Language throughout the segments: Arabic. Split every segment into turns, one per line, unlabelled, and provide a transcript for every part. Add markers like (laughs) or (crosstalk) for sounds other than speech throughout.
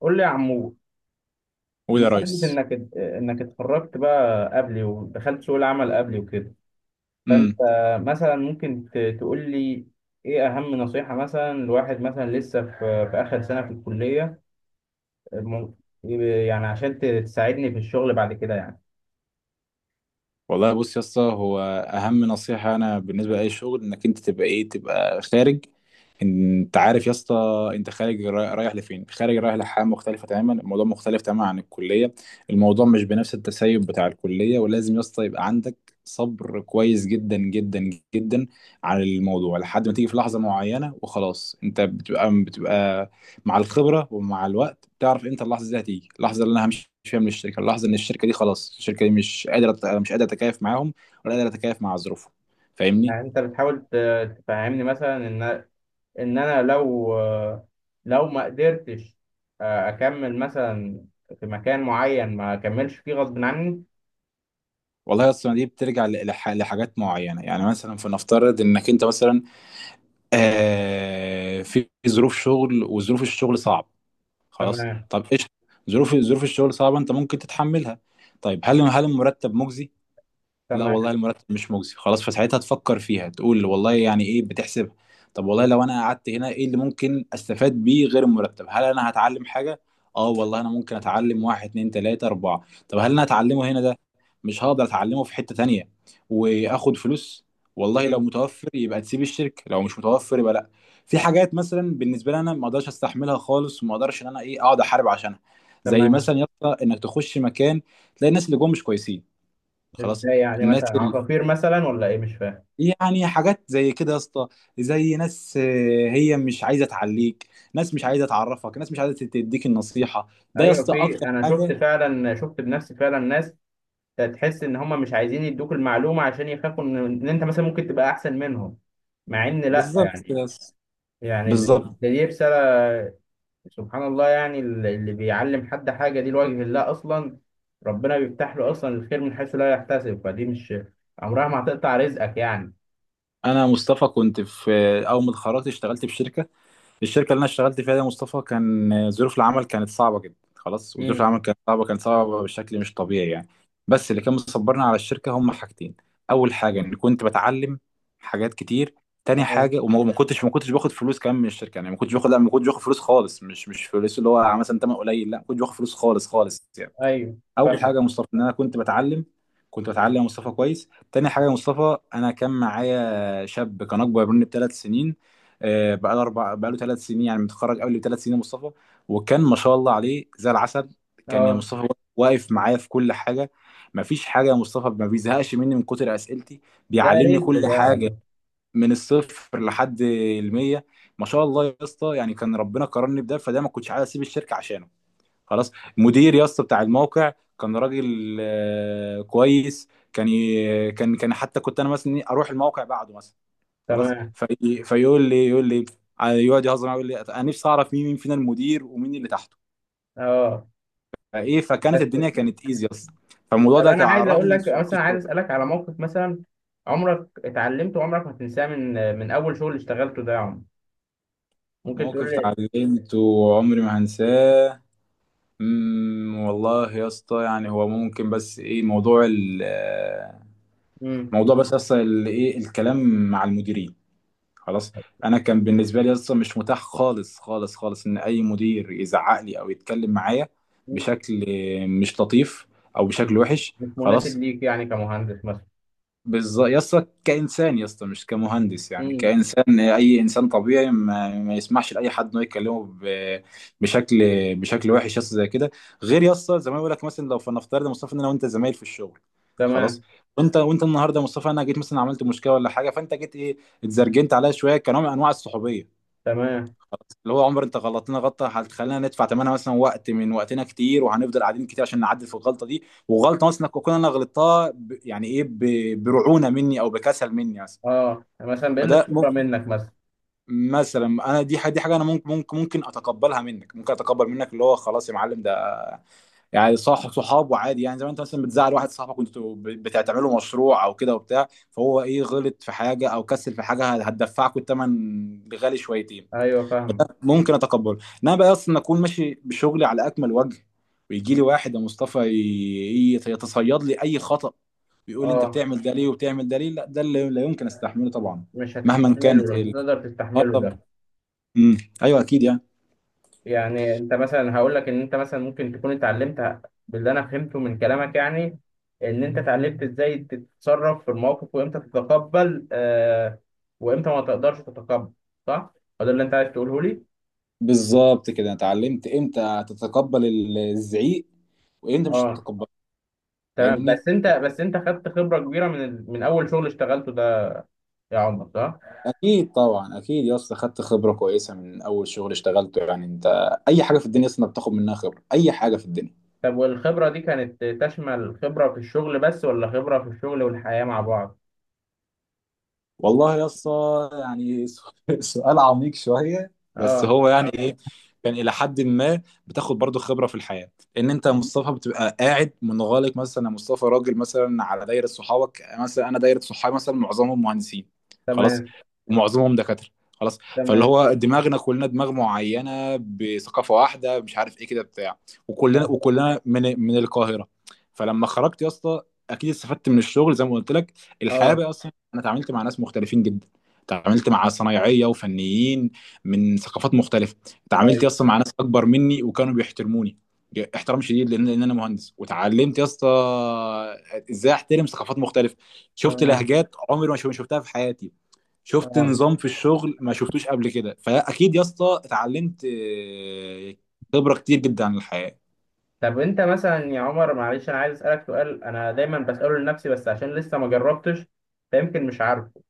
قول لي يا عمور.
قول يا
بمناسبة
ريس.
انك اتخرجت بقى قبلي ودخلت سوق العمل قبلي وكده، فانت
امم
مثلا ممكن تقول لي ايه اهم نصيحة مثلا لواحد مثلا لسه في اخر سنة في الكلية؟ مم- يعني عشان تساعدني في الشغل بعد كده يعني.
والله بص يا اسطى، هو اهم نصيحه انا بالنسبه لاي شغل انك انت تبقى ايه، تبقى خارج. انت عارف يا اسطى، انت خارج رايح لفين؟ خارج رايح لحاجه مختلفه تماما، الموضوع مختلف تماما عن الكليه. الموضوع مش بنفس التسيب بتاع الكليه، ولازم يا اسطى يبقى عندك صبر كويس جدا جدا جدا على الموضوع لحد ما تيجي في لحظه معينه وخلاص، انت بتبقى مع الخبره ومع الوقت بتعرف امتى اللحظه دي هتيجي، اللحظه اللي انا همشي فيها من الشركه، اللحظه ان الشركه دي خلاص، الشركه دي مش قادره اتكيف معاهم ولا قادره اتكيف مع ظروفهم. فاهمني؟
يعني انت بتحاول تفهمني مثلا ان انا لو ما قدرتش، اكمل مثلا في مكان معين ما اكملش فيه غصب عني.
والله اصلا دي بترجع لحاجات معينه، يعني مثلا فنفترض انك انت مثلا آه في ظروف شغل وظروف الشغل صعب خلاص،
تمام.
طب ايش؟ ظروف الشغل صعبه، انت ممكن تتحملها. طيب هل المرتب مجزي؟ لا
تمام.
والله المرتب مش مجزي، خلاص. فساعتها تفكر فيها، تقول والله يعني ايه، بتحسبها. طب والله لو انا قعدت هنا ايه اللي ممكن استفاد بيه غير المرتب، هل انا هتعلم حاجة؟ اه والله انا ممكن اتعلم واحد اتنين تلاتة اربعة. طب هل انا هتعلمه هنا ده؟ مش هقدر اتعلمه في حتة تانية واخد فلوس. والله لو
مم.
متوفر يبقى تسيب الشركة، لو مش متوفر يبقى لا. في حاجات مثلا بالنسبة لي انا ما اقدرش استحملها خالص، وما اقدرش ان انا ايه اقعد احارب عشانها. زي
تمام.
مثلا يا اسطى انك تخش مكان تلاقي الناس اللي جوه مش كويسين، خلاص.
ازاي يعني
الناس
مثلا
ال...
عقاقير مثلا ولا ايه؟ مش فاهم.
يعني حاجات زي كده يا اسطى، زي ناس هي مش عايزه تعليك، ناس مش عايزه تعرفك، ناس مش عايزه تديك النصيحه، ده يا
ايوه
اسطى
في،
اكتر
انا شفت
حاجه.
فعلا، شفت بنفسي فعلا ناس تحس ان هم مش عايزين يدوك المعلومه عشان يخافوا ان انت مثلا ممكن تبقى احسن منهم، مع ان لا
بالظبط كده
يعني.
يا اسطى،
يعني ده،
بالظبط.
دي رساله. سبحان الله، يعني اللي بيعلم حد حاجه دي لوجه الله اصلا، ربنا بيفتح له اصلا الخير من حيث لا يحتسب، فدي مش عمرها ما هتقطع رزقك يعني.
انا مصطفى كنت في آه، اول ما اتخرجت اشتغلت في شركه. الشركه اللي انا اشتغلت فيها دي يا مصطفى كان ظروف العمل كانت صعبه جدا خلاص، وظروف
امم.
العمل كانت صعبه بشكل مش طبيعي يعني. بس اللي كان مصبرنا على الشركه هم حاجتين، اول حاجه اني كنت بتعلم حاجات كتير. تاني
اه.
حاجه وما ما كنتش باخد فلوس كمان من الشركه، يعني ما كنتش باخد، لا ما كنتش باخد فلوس خالص، مش فلوس اللي هو مثلا تمن قليل، لا ما كنتش باخد فلوس خالص خالص يعني.
ايوه.
اول
فاهم.
حاجه يا مصطفى ان انا كنت بتعلم، كنت بتعلم يا مصطفى كويس. تاني حاجه يا مصطفى انا كان معايا شاب كان اكبر مني بثلاث سنين، آه، بقاله ثلاث سنين يعني متخرج قبل بثلاث سنين يا مصطفى، وكان ما شاء الله عليه زي العسل. كان يا
اه.
مصطفى واقف معايا في كل حاجه، ما فيش حاجه يا مصطفى ما بيزهقش مني من كتر اسئلتي،
ده
بيعلمني
رزق
كل
ده على
حاجه
فكرة.
من الصفر لحد المية. ما شاء الله يا اسطى، يعني كان ربنا كرمني بده، فده ما كنتش عايز اسيب الشركه عشانه، خلاص. المدير يا اسطى بتاع الموقع كان راجل كويس، كان ي- كان كان حتى كنت انا مثلا اروح الموقع بعده مثلا خلاص،
تمام.
فيقول لي يقول لي يقعد يهزر معايا، يقول لي انا نفسي اعرف مين مين فينا المدير ومين اللي تحته.
اه.
فكانت
بس.
الدنيا كانت ايزي اصلا، فالموضوع
طب
ده
انا
كان على
عايز
الرغم
اقول
من
لك
صعوبه
مثلا، عايز
الشغل.
اسالك على موقف مثلا عمرك اتعلمته وعمرك ما هتنساه من اول شغل اشتغلته ده يا عمر. ممكن تقول
موقف
لي؟
اتعلمته وعمري ما هنساه. والله يا اسطى يعني هو ممكن بس ايه
امم.
موضوع بس اصلا ال- ايه الكلام مع المديرين خلاص. انا كان بالنسبه لي اصلا مش متاح خالص خالص خالص ان اي مدير يزعق لي او يتكلم معايا بشكل مش لطيف او بشكل وحش
مش مناسب
خلاص.
ليك يعني كمهندس مثلا.
بالظبط يا اسطى، كانسان يا اسطى مش كمهندس، يعني
امم.
كانسان، اي انسان طبيعي ما يسمحش لاي حد انه يكلمه بشكل بشكل وحش يا اسطى زي كده. غير يا اسطى زي ما بقول لك، مثلا لو فنفترض يا مصطفى ان انا وانت زمايل في الشغل، خلاص،
تمام.
وانت النهارده يا مصطفى انا جيت مثلا عملت مشكله ولا حاجه، فانت جيت ايه اتزرجنت عليا شويه كنوع من انواع الصحوبيه،
تمام.
اللي هو عمر انت غلطتنا غلطه هتخلينا ندفع ثمنها مثلا وقت من وقتنا كتير، وهنفضل قاعدين كتير عشان نعدل في الغلطه دي. وغلطه مثلا انا غلطتها ب... يعني ايه ب... برعونه مني او بكسل مني مثلا.
اه، مثلا بقل
فده
الخبره
ممكن
منك مثلا.
مثلا انا، دي حاجه انا ممكن اتقبلها منك، ممكن اتقبل منك اللي هو خلاص يا معلم ده، يعني صاحب صحاب وعادي، يعني زي ما انت مثلا بتزعل واحد صاحبك، وانتوا بتعملوا مشروع او كده وبتاع، فهو ايه غلط في حاجه او كسل في حاجه هتدفعكوا الثمن غالي شويتين،
ايوه فاهمك.
ممكن اتقبله. انما بقى اصلا اكون ماشي بشغلي على اكمل وجه ويجي لي واحد يا مصطفى يتصيد لي اي خطأ ويقول لي انت
اه،
بتعمل ده ليه وبتعمل ده ليه، لا ده اللي لا يمكن استحمله طبعا،
مش
مهما كانت
هتستحمله، مش هتقدر
اه
تستحمله
طب
ده.
امم ايوه اكيد يعني.
يعني انت مثلا هقول لك ان انت مثلا ممكن تكون اتعلمت، باللي انا فهمته من كلامك يعني، ان انت اتعلمت ازاي تتصرف في المواقف وامتى تتقبل آه، وامتى ما تقدرش تتقبل، صح؟ هو ده اللي انت عايز تقوله لي؟
بالظبط كده، انا اتعلمت امتى تتقبل الزعيق وامتى مش
اه.
تتقبله.
تمام
فاهمني؟
بس انت، بس انت خدت خبرة كبيرة من من اول شغل اشتغلته ده يا عمر، صح؟
اكيد طبعا، اكيد يا اسطى خدت خبره كويسه من اول شغل اشتغلته يعني. انت اي حاجه في الدنيا اصلا بتاخد منها خبره، اي حاجه في الدنيا.
طب والخبرة دي كانت تشمل خبرة في الشغل بس، ولا خبرة في الشغل والحياة مع بعض؟
والله يا اسطى يعني (laughs) سؤال عميق شويه بس.
اه.
هو يعني ايه؟ كان الى حد ما بتاخد برضو خبره في الحياه، ان انت يا مصطفى بتبقى قاعد منغلق مثلا. يا مصطفى راجل مثلا على دايره صحابك، مثلا انا دايره صحابي مثلا معظمهم مهندسين، خلاص،
تمام.
ومعظمهم دكاتره، خلاص. فاللي
تمام.
هو دماغنا كلنا دماغ معينه بثقافه واحده مش عارف ايه كده بتاع.
فاهم.
وكلنا من القاهره. فلما خرجت يا اسطى اكيد استفدت من الشغل زي ما قلت لك. الحياه
اه.
بقى، انا اتعاملت مع ناس مختلفين جدا، اتعاملت مع صنايعيه وفنيين من ثقافات مختلفه، اتعاملت يا
ايوه.
اسطى مع ناس اكبر مني وكانوا بيحترموني احترام شديد لأن انا مهندس. وتعلمت يا اسطى ازاي احترم ثقافات مختلفه، شفت
تمام.
لهجات عمري ما شفتها في حياتي، شفت
اه.
نظام في الشغل ما شفتوش قبل كده. فاكيد يا اسطى اتعلمت خبره كتير جدا عن الحياه.
طب انت مثلا يا عمر معلش، انا عايز اسالك سؤال انا دايما بساله لنفسي بس عشان لسه ما جربتش، فيمكن مش عارفه.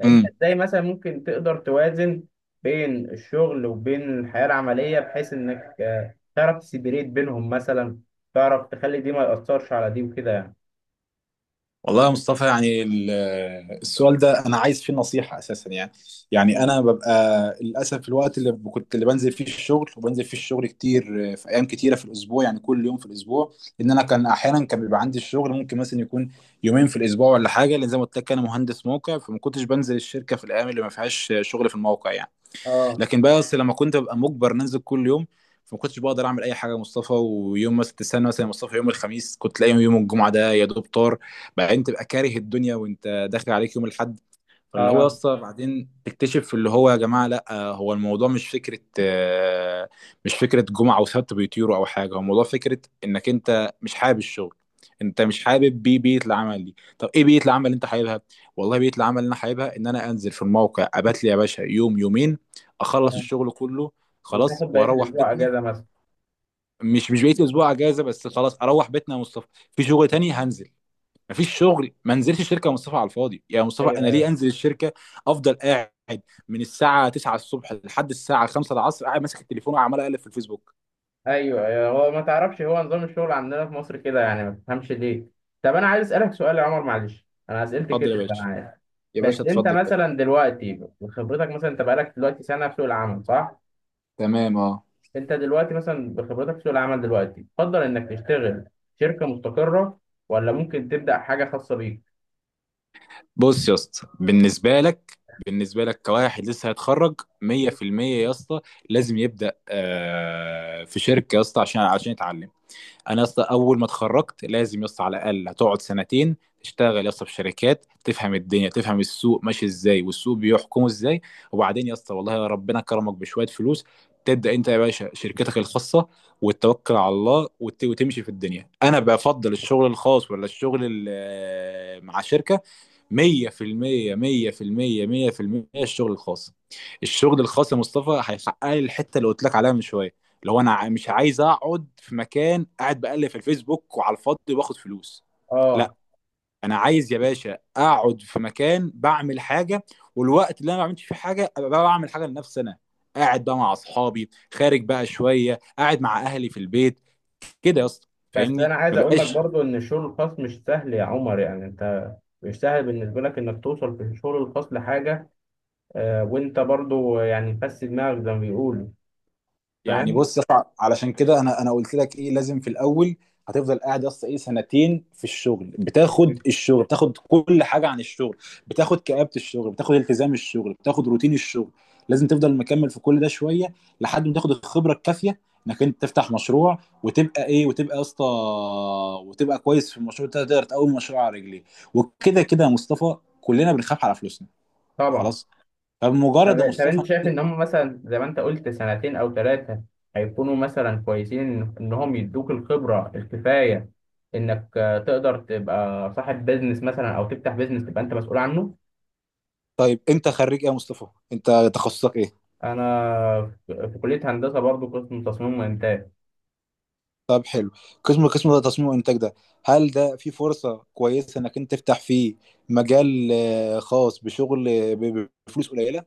انت ازاي مثلا ممكن تقدر توازن بين الشغل وبين الحياه العمليه بحيث انك تعرف تسيبريت بينهم مثلا، تعرف تخلي دي ما ياثرش على دي وكده يعني.
والله يا مصطفى يعني السؤال ده انا عايز فيه نصيحه اساسا يعني. يعني انا ببقى للاسف، الوقت اللي كنت اللي بنزل فيه الشغل، وبنزل فيه الشغل كتير في ايام كتيره في الاسبوع، يعني كل يوم في الاسبوع. ان انا كان احيانا كان بيبقى عندي الشغل ممكن مثلا يكون يومين في الاسبوع ولا حاجه، لان زي ما قلت لك انا مهندس موقع، فما كنتش بنزل الشركه في الايام اللي ما فيهاش شغل في الموقع يعني.
اه.
لكن بقى اصل لما كنت ببقى مجبر ننزل كل يوم، فما كنتش بقدر اعمل اي حاجه يا مصطفى. ويوم مثلا تستنى مثلا يا مصطفى يوم الخميس، كنت تلاقي يوم الجمعه ده يا دوب طار، بعدين تبقى كاره الدنيا وانت داخل عليك يوم الاحد. فاللي هو يا
اه.
اسطى بعدين تكتشف اللي هو يا جماعه لا، هو الموضوع مش فكره مش فكره جمعه وسبت بيطيروا او حاجه، هو الموضوع فكره انك انت مش حابب الشغل، انت مش حابب بيئه العمل دي. طب ايه بيئه العمل اللي انت حاببها؟ والله بيئه العمل اللي انا حاببها ان انا انزل في الموقع، ابات لي يا باشا يوم يومين اخلص
اه.
الشغل كله خلاص،
وتاخد بقيه
واروح
الاسبوع
بيتنا.
اجازه مثلا.
مش بقيت اسبوع اجازه بس، خلاص اروح بيتنا يا مصطفى. في شغل تاني هنزل، مفيش شغل ما انزلش الشركه. يا مصطفى على الفاضي، يا مصطفى انا ليه انزل الشركه؟ افضل قاعد من الساعه 9 الصبح لحد الساعه 5 العصر قاعد ماسك التليفون وعمال اقلب في الفيسبوك.
ايوه، ايوه. هو ما تعرفش، هو نظام الشغل عندنا في مصر كده يعني، ما تفهمش ليه. طب انا عايز اسالك سؤال يا عمر معلش، انا اسئلتي
اتفضل يا
كتير انا
باشا،
عارف.
يا باشا
بس انت
اتفضل.
مثلا دلوقتي بخبرتك، مثلا انت بقالك دلوقتي سنه في سوق العمل، صح؟
تمام اه.
انت دلوقتي مثلا بخبرتك في سوق العمل دلوقتي، تفضل انك تشتغل شركه مستقره ولا ممكن تبدا حاجه خاصه بيك؟
بص يا اسطى، بالنسبه لك، بالنسبه لك كواحد لسه هيتخرج 100% يا اسطى لازم يبدا في شركه يا اسطى عشان يتعلم. انا اصلا اول ما اتخرجت لازم يصل على الاقل هتقعد سنتين تشتغل يا اسطى في شركات، تفهم الدنيا، تفهم السوق ماشي ازاي والسوق بيحكمه ازاي. وبعدين يا اسطى والله ربنا كرمك بشويه فلوس، تبدا انت يا باشا شركتك الخاصه، وتتوكل على الله وتمشي في الدنيا. انا بفضل الشغل الخاص ولا الشغل مع شركه؟ مية في المية مية في المية مية في المية الشغل الخاص. الشغل الخاص يا مصطفى هيحقق لي الحتة اللي قلت لك عليها من شوية. لو أنا مش عايز أقعد في مكان قاعد بقلب في الفيسبوك وعلى الفاضي باخد فلوس، لا،
اه.
أنا عايز يا باشا أقعد في مكان بعمل حاجة. والوقت اللي أنا ما بعملش فيه حاجة أبقى بقى بعمل حاجة لنفسي أنا، قاعد بقى مع أصحابي، خارج بقى شوية، قاعد مع أهلي في البيت، كده يا اسطى.
بس
فاهمني؟
انا
ما
عايز اقول لك
بقاش
برضو ان الشغل الخاص مش سهل يا عمر، يعني انت مش سهل بالنسبه لك انك توصل في الشغل الخاص لحاجه. وانت برضو يعني فس دماغك زي ما بيقولوا.
يعني.
فاهم.
بص يا اسطى، علشان كده انا قلت لك ايه لازم في الاول هتفضل قاعد يا اسطى ايه سنتين في الشغل، بتاخد الشغل، بتاخد كل حاجه عن الشغل، بتاخد كآبة الشغل، بتاخد التزام الشغل، بتاخد روتين الشغل. لازم تفضل مكمل في كل ده شويه لحد ما تاخد الخبره الكافيه انك انت تفتح مشروع وتبقى ايه وتبقى يا اسطى وتبقى كويس في المشروع ده تقدر تقوم مشروع على رجليه. وكده كده يا مصطفى كلنا بنخاف على فلوسنا،
طبعا.
خلاص.
طب،
فبمجرد يا
طب
مصطفى.
انت شايف ان هم مثلا زي ما انت قلت سنتين او ثلاثه هيكونوا مثلا كويسين ان إن هم يدوك الخبره الكفايه؟ انك تقدر تبقى صاحب بيزنس مثلا او تفتح بيزنس تبقى انت مسؤول عنه؟
طيب انت خريج ايه يا مصطفى؟ انت تخصصك ايه؟
انا في كليه هندسه برضو، قسم تصميم وانتاج.
طب حلو. قسم ده تصميم وانتاج ده، هل ده في فرصة كويسة انك انت تفتح فيه مجال خاص بشغل بفلوس قليلة؟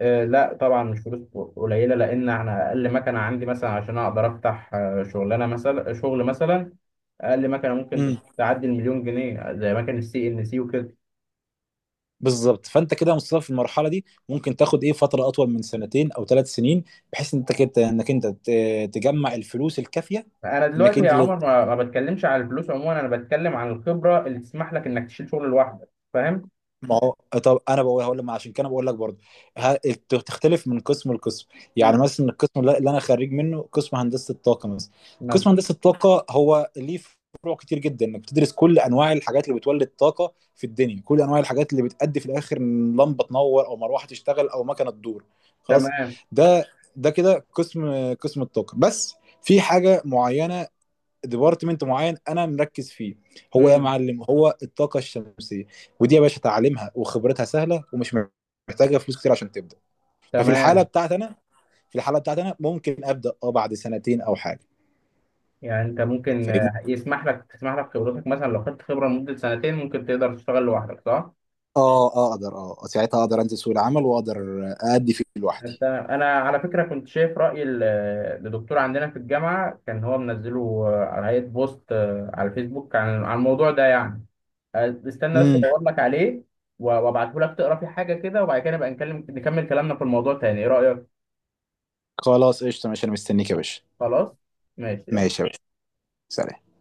لا طبعا مش فلوس قليله، لان احنا اقل مكنه عندي مثلا عشان اقدر افتح شغلانه مثلا، شغل مثلا، اقل مكنه
امم
ممكن تعدي 1,000,000 جنيه، زي مكنه الـCNC وكده.
بالظبط. فانت كده يا مصطفى في المرحله دي ممكن تاخد ايه فتره اطول من سنتين او ثلاث سنين، بحيث ان انت كده انك انت تجمع الفلوس الكافيه
انا
انك
دلوقتي يا
انت.
عمر ما بتكلمش على الفلوس عموما، انا بتكلم عن الخبره اللي تسمح لك انك تشيل شغل لوحدك، فاهم؟
ما هو طب انا بقول، هقول لك، ما عشان كده بقول لك برضه تختلف من قسم لقسم. يعني
مم.
مثلا القسم اللي انا خريج منه قسم هندسه الطاقه مثلا.
مثلا.
قسم هندسه الطاقه هو ليه فروع كتير جدا، انك بتدرس كل انواع الحاجات اللي بتولد طاقه في الدنيا، كل انواع الحاجات اللي بتأدي في الاخر ان لمبه تنور او مروحه تشتغل او مكنه تدور، خلاص.
تمام.
ده ده كده قسم الطاقه بس. في حاجه معينه، ديبارتمنت معين انا مركز فيه، هو يا
امم.
معلم هو الطاقه الشمسيه، ودي يا باشا تعليمها وخبرتها سهله ومش محتاجه فلوس كتير عشان تبدا. ففي الحاله
تمام.
بتاعتي انا في الحاله بتاعتي انا ممكن ابدا اه بعد سنتين او حاجه.
يعني انت ممكن
فاهمني؟
يسمح لك، تسمح لك خبرتك مثلا لو خدت خبره لمده سنتين ممكن تقدر تشتغل لوحدك، صح؟
اه اقدر اه ساعتها اقدر انزل سوق العمل واقدر ادي فيه
انت،
لوحدي.
انا على فكره كنت شايف راي لدكتور عندنا في الجامعه كان هو منزله على هيئه بوست على الفيسبوك عن الموضوع ده يعني. استنى بس
امم.
ادور لك عليه وابعته لك تقرا فيه حاجه كده، وبعد كده نبقى نكلم، نكمل كلامنا في الموضوع تاني. ايه رايك؟
خلاص قشطه ماشي، انا مستنيك يا باشا.
خلاص ماشي.
ماشي يا باشا. سلام.